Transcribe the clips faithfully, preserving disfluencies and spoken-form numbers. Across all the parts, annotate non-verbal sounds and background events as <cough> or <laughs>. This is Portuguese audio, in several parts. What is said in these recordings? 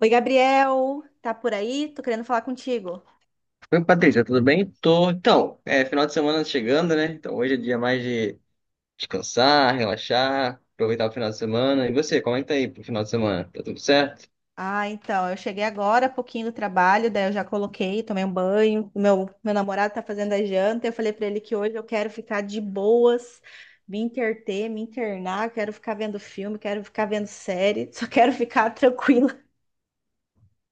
Oi, Gabriel, tá por aí? Tô querendo falar contigo. Oi, Patrícia, tudo bem? Tô. Então, é final de semana chegando, né? Então hoje é dia mais de descansar, relaxar, aproveitar o final de semana. E você, comenta aí pro final de semana. Tá tudo certo? Ah, então, eu cheguei agora, há pouquinho do trabalho, daí eu já coloquei, tomei um banho. o Meu, meu namorado tá fazendo a janta. Eu falei pra ele que hoje eu quero ficar de boas, me interter, me internar. Quero ficar vendo filme, quero ficar vendo série, <laughs> só quero ficar tranquila.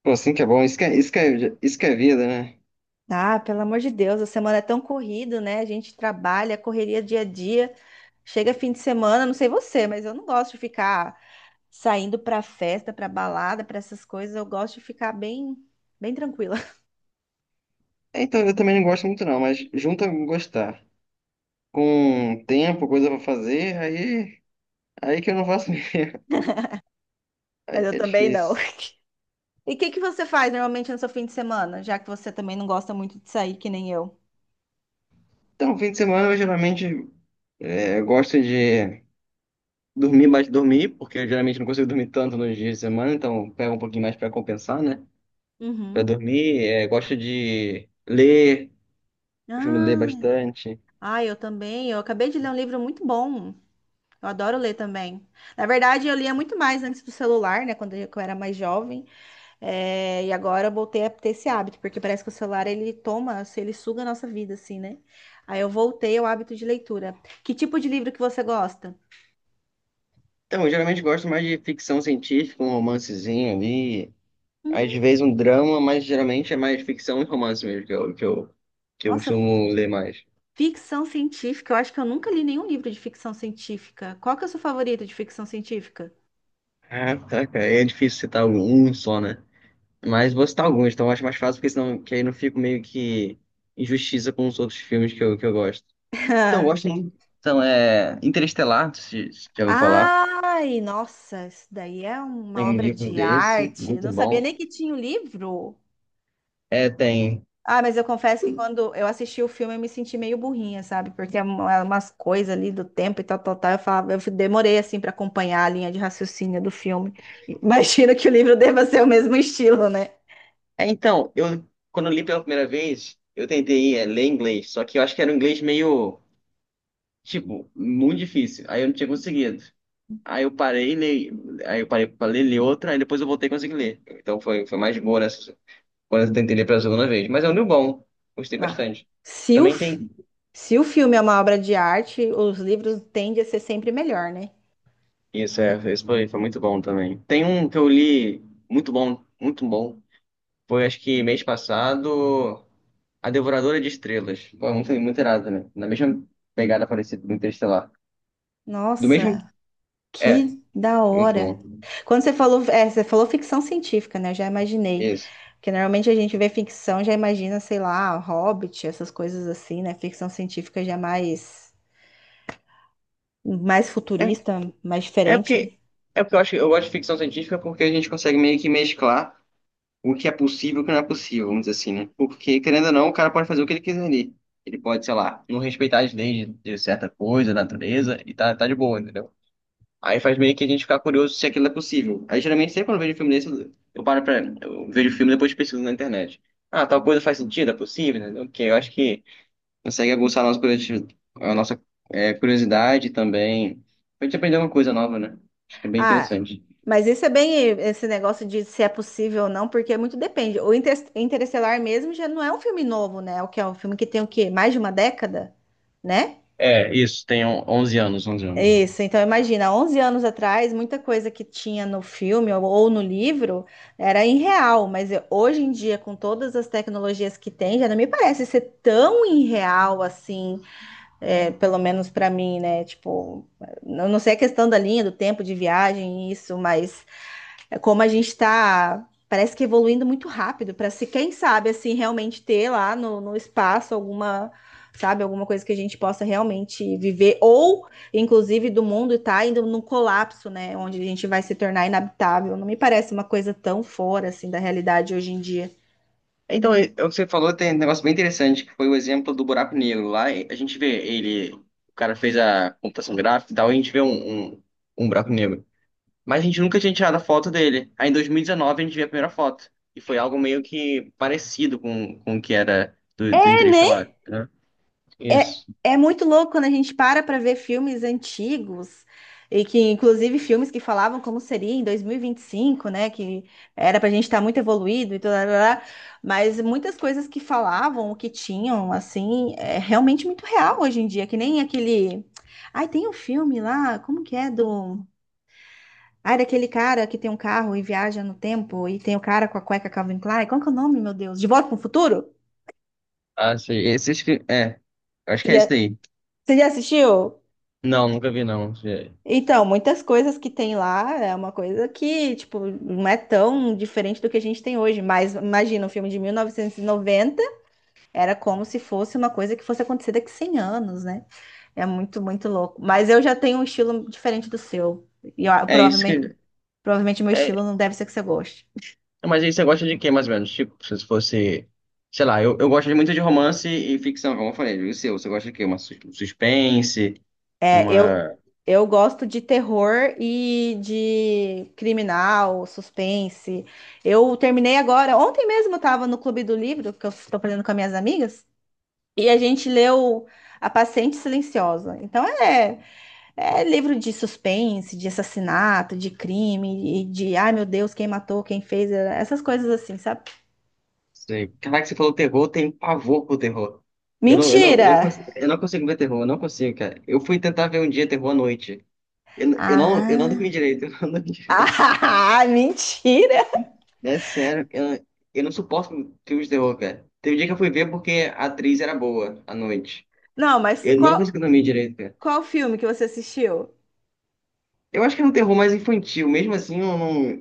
Pô, sim que é bom. Isso que é, isso que é, isso que é vida, né? Ah, pelo amor de Deus, a semana é tão corrida, né? A gente trabalha, correria dia a dia. Chega fim de semana, não sei você, mas eu não gosto de ficar. Saindo para festa, para balada, para essas coisas, eu gosto de ficar bem, bem tranquila. <laughs> É, então, eu também não gosto muito não, mas junto a gostar. Com tempo, coisa pra fazer, aí, aí que eu não faço mesmo. <laughs> Aí Mas eu que é também não. difícil. E o que que você faz normalmente no seu fim de semana, já que você também não gosta muito de sair, que nem eu? Então, fim de semana eu geralmente é, eu gosto de dormir mais dormir, porque eu geralmente não consigo dormir tanto nos dias de semana, então pega um pouquinho mais pra compensar, né? Para Uhum. dormir, é, gosto de ler, costumo ler Ah, bastante. ah, eu também. Eu acabei de ler um livro muito bom. Eu adoro ler também. Na verdade, eu lia muito mais antes do celular, né? Quando eu eu era mais jovem. É, e agora eu voltei a ter esse hábito, porque parece que o celular ele toma, assim, ele suga a nossa vida, assim, né? Aí eu voltei ao hábito de leitura. Que tipo de livro que você gosta? Então, eu geralmente gosto mais de ficção científica, um romancezinho ali, Hum. às vezes um drama, mas geralmente é mais ficção e romance mesmo que eu, que eu, que eu Nossa, costumo ler mais. ficção científica. Eu acho que eu nunca li nenhum livro de ficção científica. Qual que é o seu favorito de ficção científica? Ah, tá, cara, é difícil citar um um só, né? Mas vou citar alguns, então eu acho mais fácil, porque senão que aí não fico meio que injustiça com os outros filmes que eu, que eu gosto. Então, eu gosto <laughs> muito. Então, é Interestelar, se, se já ouviu falar. Ai, nossa, isso daí é uma Tem um obra livro de desse, arte. Eu muito não sabia bom. nem que tinha o livro. É, tem. Ah, mas eu confesso que quando eu assisti o filme eu me senti meio burrinha, sabe? Porque é uma- umas coisas ali do tempo e tal, tal, tal. Eu falava, eu demorei assim para acompanhar a linha de raciocínio do filme. Imagino que o livro deva ser o mesmo estilo, né? É, então, eu quando eu li pela primeira vez, eu tentei é, ler inglês, só que eu acho que era um inglês meio, tipo, muito difícil. Aí eu não tinha conseguido. Aí eu parei, li, aí eu parei pra ler, li outra, aí depois eu voltei e consegui ler. Então foi, foi mais boa nessa, quando eu tentei ler pela segunda vez. Mas é um livro bom, gostei Ah. bastante. Se o Também tem. Se o filme é uma obra de arte, os livros tendem a ser sempre melhor, né? Isso, é, esse foi, foi muito bom também. Tem um que eu li muito bom, muito bom. Foi acho que mês passado. A Devoradora de Estrelas. Pô, é muito, muito irado também. Na mesma pegada parecida do Interestelar. Do mesmo. Nossa, É, que da muito hora. bom. Quando você falou, é, você falou ficção científica, né? Eu já imaginei. Isso. Porque normalmente a gente vê ficção, já imagina, sei lá, Hobbit, essas coisas assim, né? Ficção científica já é mais, mais É, futurista, mais é diferente, né? porque. É porque eu acho, eu gosto de ficção científica porque a gente consegue meio que mesclar o que é possível e o que não é possível, vamos dizer assim, né? Porque, querendo ou não, o cara pode fazer o que ele quiser ali. Ele pode, sei lá, não respeitar as leis de de certa coisa, natureza, e tá, tá de boa, entendeu? Aí faz meio que a gente ficar curioso se aquilo é possível. Aí geralmente sempre quando eu vejo filme desse, eu eu paro pra. Eu vejo o filme e depois pesquiso na internet. Ah, tal coisa faz sentido, é possível, né? Ok, eu acho que consegue aguçar a nossa curiosidade, a nossa, é, curiosidade também. A gente aprender uma coisa nova, né? Acho que é bem Ah, interessante. mas isso é bem esse negócio de se é possível ou não, porque muito depende. O Inter- Interestelar mesmo já não é um filme novo, né? O que é um filme que tem o quê? Mais de uma década, né? É, isso, tem on- onze anos, onze anos já. Isso, então imagina, onze anos atrás, muita coisa que tinha no filme ou ou no livro era irreal, mas eu- hoje em dia, com todas as tecnologias que tem, já não me parece ser tão irreal assim, é, pelo menos para mim, né? Tipo, eu não sei a questão da linha, do tempo de viagem, isso, mas é como a gente está, parece que evoluindo muito rápido para se, quem sabe, assim, realmente ter lá no, no espaço alguma, sabe, alguma coisa que a gente possa realmente viver, ou inclusive do mundo estar indo num colapso, né, onde a gente vai se tornar inabitável. Não me parece uma coisa tão fora assim da realidade hoje em dia. Então, é- é o que você falou, tem um negócio bem interessante, que foi o exemplo do buraco negro. Lá e a gente vê ele, o cara fez a computação gráfica e tal, e a gente vê um, um, um buraco negro. Mas a gente nunca tinha tirado a foto dele. Aí em dois mil e dezenove a gente viu a primeira foto. E foi algo meio que parecido com, com o que era do, do É, né? Interestelar, né? É, Isso. é muito louco quando a gente para para ver filmes antigos, e que inclusive filmes que falavam como seria em dois mil e e vinte e cinco, né? Que era para a gente estar muito evoluído e tudo, lá, lá, lá, mas muitas coisas que falavam, o que tinham, assim, é realmente muito real hoje em dia, que nem aquele. Ai, tem um filme lá, como que é do. Ai, daquele cara que tem um carro e viaja no tempo, e tem o cara com a cueca Calvin Klein. Qual que é o nome, meu Deus? De Volta para o Futuro? Ah, sei. Esse acho que. É. Acho que é esse daí. Você já assistiu? Não, nunca vi, não. Então, muitas coisas que tem lá é uma coisa que, tipo, não é tão diferente do que a gente tem hoje. Mas imagina, um filme de mil novecentos e noventa era como se fosse uma coisa que fosse acontecer daqui cem anos, né? É muito, muito louco. Mas eu já tenho um estilo diferente do seu. E eu- É isso provavelmente, que. provavelmente meu estilo É... não deve ser que você goste. Mas aí você gosta de quê, mais ou menos? Tipo, se fosse. Sei lá, eu, eu gosto muito de romance e ficção, como eu falei. E o seu? Você gosta de quê? Uma sus- um suspense? É, eu, Uma. eu gosto de terror e de criminal, suspense. Eu terminei agora, ontem mesmo eu tava no Clube do Livro, que eu estou aprendendo com as minhas amigas. E a gente leu A Paciente Silenciosa. Então é, é livro de suspense, de assassinato, de crime, e de ai meu Deus, quem matou, quem fez, é, essas coisas assim, sabe? Sei. Caraca, você falou terror, tem pavor pro terror. Eu não, eu não, eu Mentira! não consigo, eu não consigo ver terror, eu não consigo, cara. Eu fui tentar ver um dia terror à noite. Eu, n- eu não, eu não Ah, dormi direito, <laughs> eu não dormi <laughs> direito. ah, mentira! É sério, eu, eu não suporto filmes de terror, cara. Teve um dia que eu fui ver porque a atriz era boa à noite. Não, mas Eu não qual, consegui dormir direito, cara. qual filme que você assistiu? Eu acho que é um terror mais infantil, mesmo assim, eu não,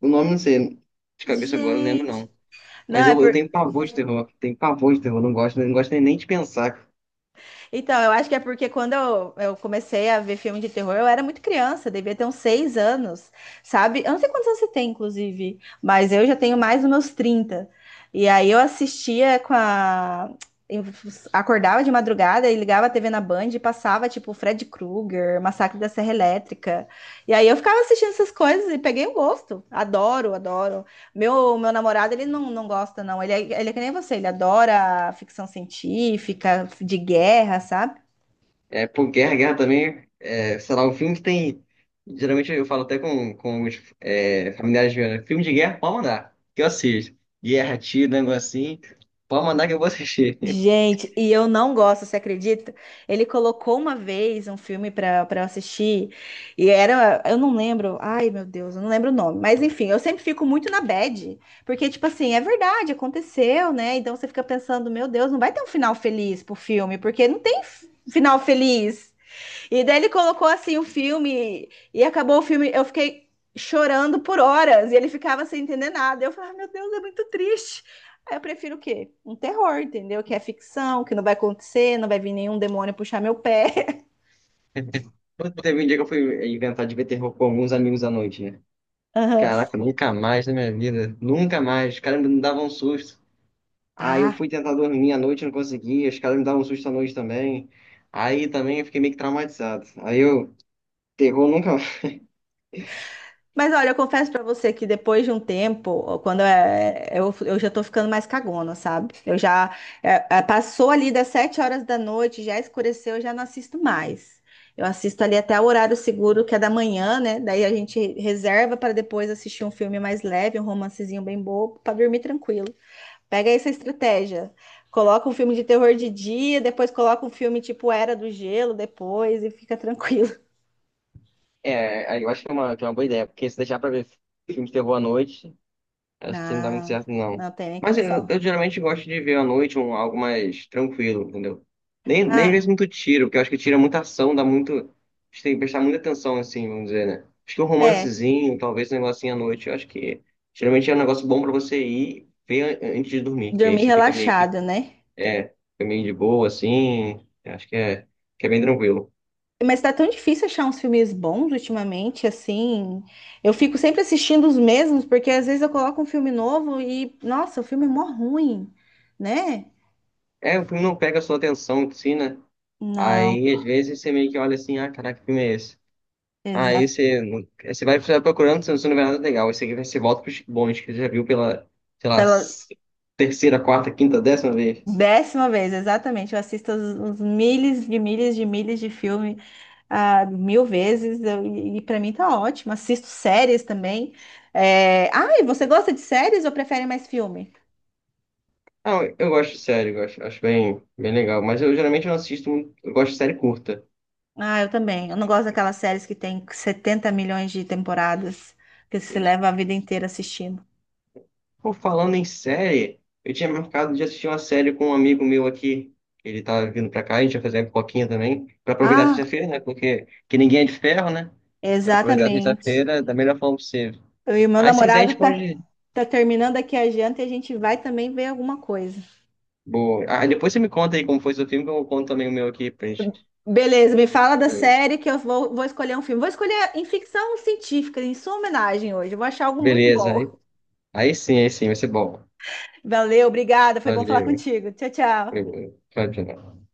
o nome não sei, de cabeça agora eu não lembro Gente, não. não, Mas é eu, eu por. tenho pavor de terror, tenho pavor de terror, não gosto, não gosto nem nem de pensar. Então, eu acho que é porque quando eu, eu comecei a ver filme de terror, eu era muito criança, devia ter uns seis anos, sabe? Eu não sei quantos anos você tem, inclusive, mas eu já tenho mais dos meus trinta. E aí eu assistia com a. Eu acordava de madrugada e ligava a T V na Band e passava, tipo, Fred Krueger, Massacre da Serra Elétrica. E aí eu ficava assistindo essas coisas e peguei o gosto. Adoro, adoro. Meu, meu namorado, ele não, não gosta, não. Ele é, ele é que nem você, ele adora ficção científica, de guerra, sabe? É, pô, Guerra, Guerra também, é, sei lá, um filme que tem. Geralmente eu falo até com, com os é, familiares meus, né? Filme de guerra, pode mandar, que eu assisto. Guerra, tiro, negócio assim, pode mandar que eu vou assistir. <laughs> Gente, e eu não gosto, você acredita? Ele colocou uma vez um filme pra, pra eu assistir, e era, eu não lembro, ai meu Deus, eu não lembro o nome, mas enfim, eu sempre fico muito na bad, porque, tipo assim, é verdade, aconteceu, né? Então você fica pensando, meu Deus, não vai ter um final feliz pro filme, porque não tem f- final feliz. E daí ele colocou assim o filme e acabou o filme. Eu fiquei chorando por horas e ele ficava sem entender nada. Eu falei, "Ah, meu Deus, é muito triste. Aí eu prefiro o quê? Um terror, entendeu? Que é ficção, que não vai acontecer, não vai vir nenhum demônio puxar meu pé. <laughs> Pô, teve um dia que eu fui inventar de ver terror com alguns amigos à noite, né? Aham. Caraca, nunca mais na minha vida, nunca mais. Os caras me davam um susto. Aí eu Ah, fui tentar dormir à noite, não conseguia, os caras me davam um susto à noite também. Aí também eu fiquei meio que traumatizado. Aí eu, terror nunca mas olha, eu confesso pra você que depois de um tempo, quando é, eu, eu já tô ficando mais cagona, sabe? Eu já é, é, passou ali das sete horas da noite, já escureceu, eu já não assisto mais. Eu assisto ali até o horário seguro, que é da manhã, né? Daí a gente reserva para depois assistir um filme mais leve, um romancezinho bem bobo, para dormir tranquilo. Pega essa estratégia. Coloca um filme de terror de dia, depois coloca um filme tipo Era do Gelo, depois e fica tranquilo. É, aí eu acho que é uma, que é uma boa ideia, porque se deixar pra ver filme de terror à noite, <laughs> acho que não dá muito Não, certo, não. não tem nem Mas eu, condição. eu geralmente gosto de ver à noite um, algo mais tranquilo, entendeu? Nem, nem às Ah, vezes muito tiro, porque eu acho que tira muita ação, dá muito. A gente tem que prestar muita atenção, assim, vamos dizer, né? Acho que um é, romancezinho, talvez um negocinho à noite, eu acho que geralmente é um negócio bom pra você ir ver an- antes de dormir, que aí dormir você fica meio que. relaxada, né? É, fica meio de boa, assim. Eu acho que é, que é bem tranquilo. Mas tá tão difícil achar uns filmes bons ultimamente, assim. Eu fico sempre assistindo os mesmos, porque às vezes eu coloco um filme novo e, nossa, o filme é mó ruim, né? É, o filme não pega a sua atenção, assim, né? Não, Aí, às vezes, você meio que olha assim, ah, caraca, que filme é esse? Aí exato. você, não- você vai você vai procurando, você não vê nada legal. Aí você, você volta pros bons, que você já viu pela, sei lá, Pela s- terceira, quarta, quinta, décima vez. décima vez, exatamente. Eu assisto os, os milhas de milhas de milhas de filme ah, mil vezes, eu- e, e pra mim tá ótimo. Assisto séries também. É... Ah, e você gosta de séries ou prefere mais filme? Ah, eu, eu gosto de série, eu gosto, acho bem, bem legal. Mas eu geralmente não assisto, muito- eu gosto de série curta. Ah, eu também. Eu não gosto daquelas séries que tem setenta milhões de temporadas, que você Isso. leva a vida inteira assistindo. Pô, falando em série, eu tinha marcado de assistir uma série com um amigo meu aqui. Ele tá vindo pra cá, a gente vai fazer uma pipoquinha também. Pra aproveitar a Ah, sexta-feira, né? Porque que ninguém é de ferro, né? Pra aproveitar a exatamente. sexta-feira da melhor forma possível. Eu e o meu Aí se quiser a gente namorado tá, pode. tá terminando aqui a janta e a gente vai também ver alguma coisa. Boa. Ah, depois você me conta aí como foi seu filme, que eu conto também o meu aqui pra gente. Beleza, me fala da É. série que eu vou, vou escolher um filme. Vou escolher em ficção científica, em sua homenagem hoje. Eu vou achar algo muito Beleza, bom. aí, aí sim, aí sim, vai ser bom. Valeu, obrigada. Foi bom falar Valeu. contigo. Tchau, tchau. Tchau, tchau.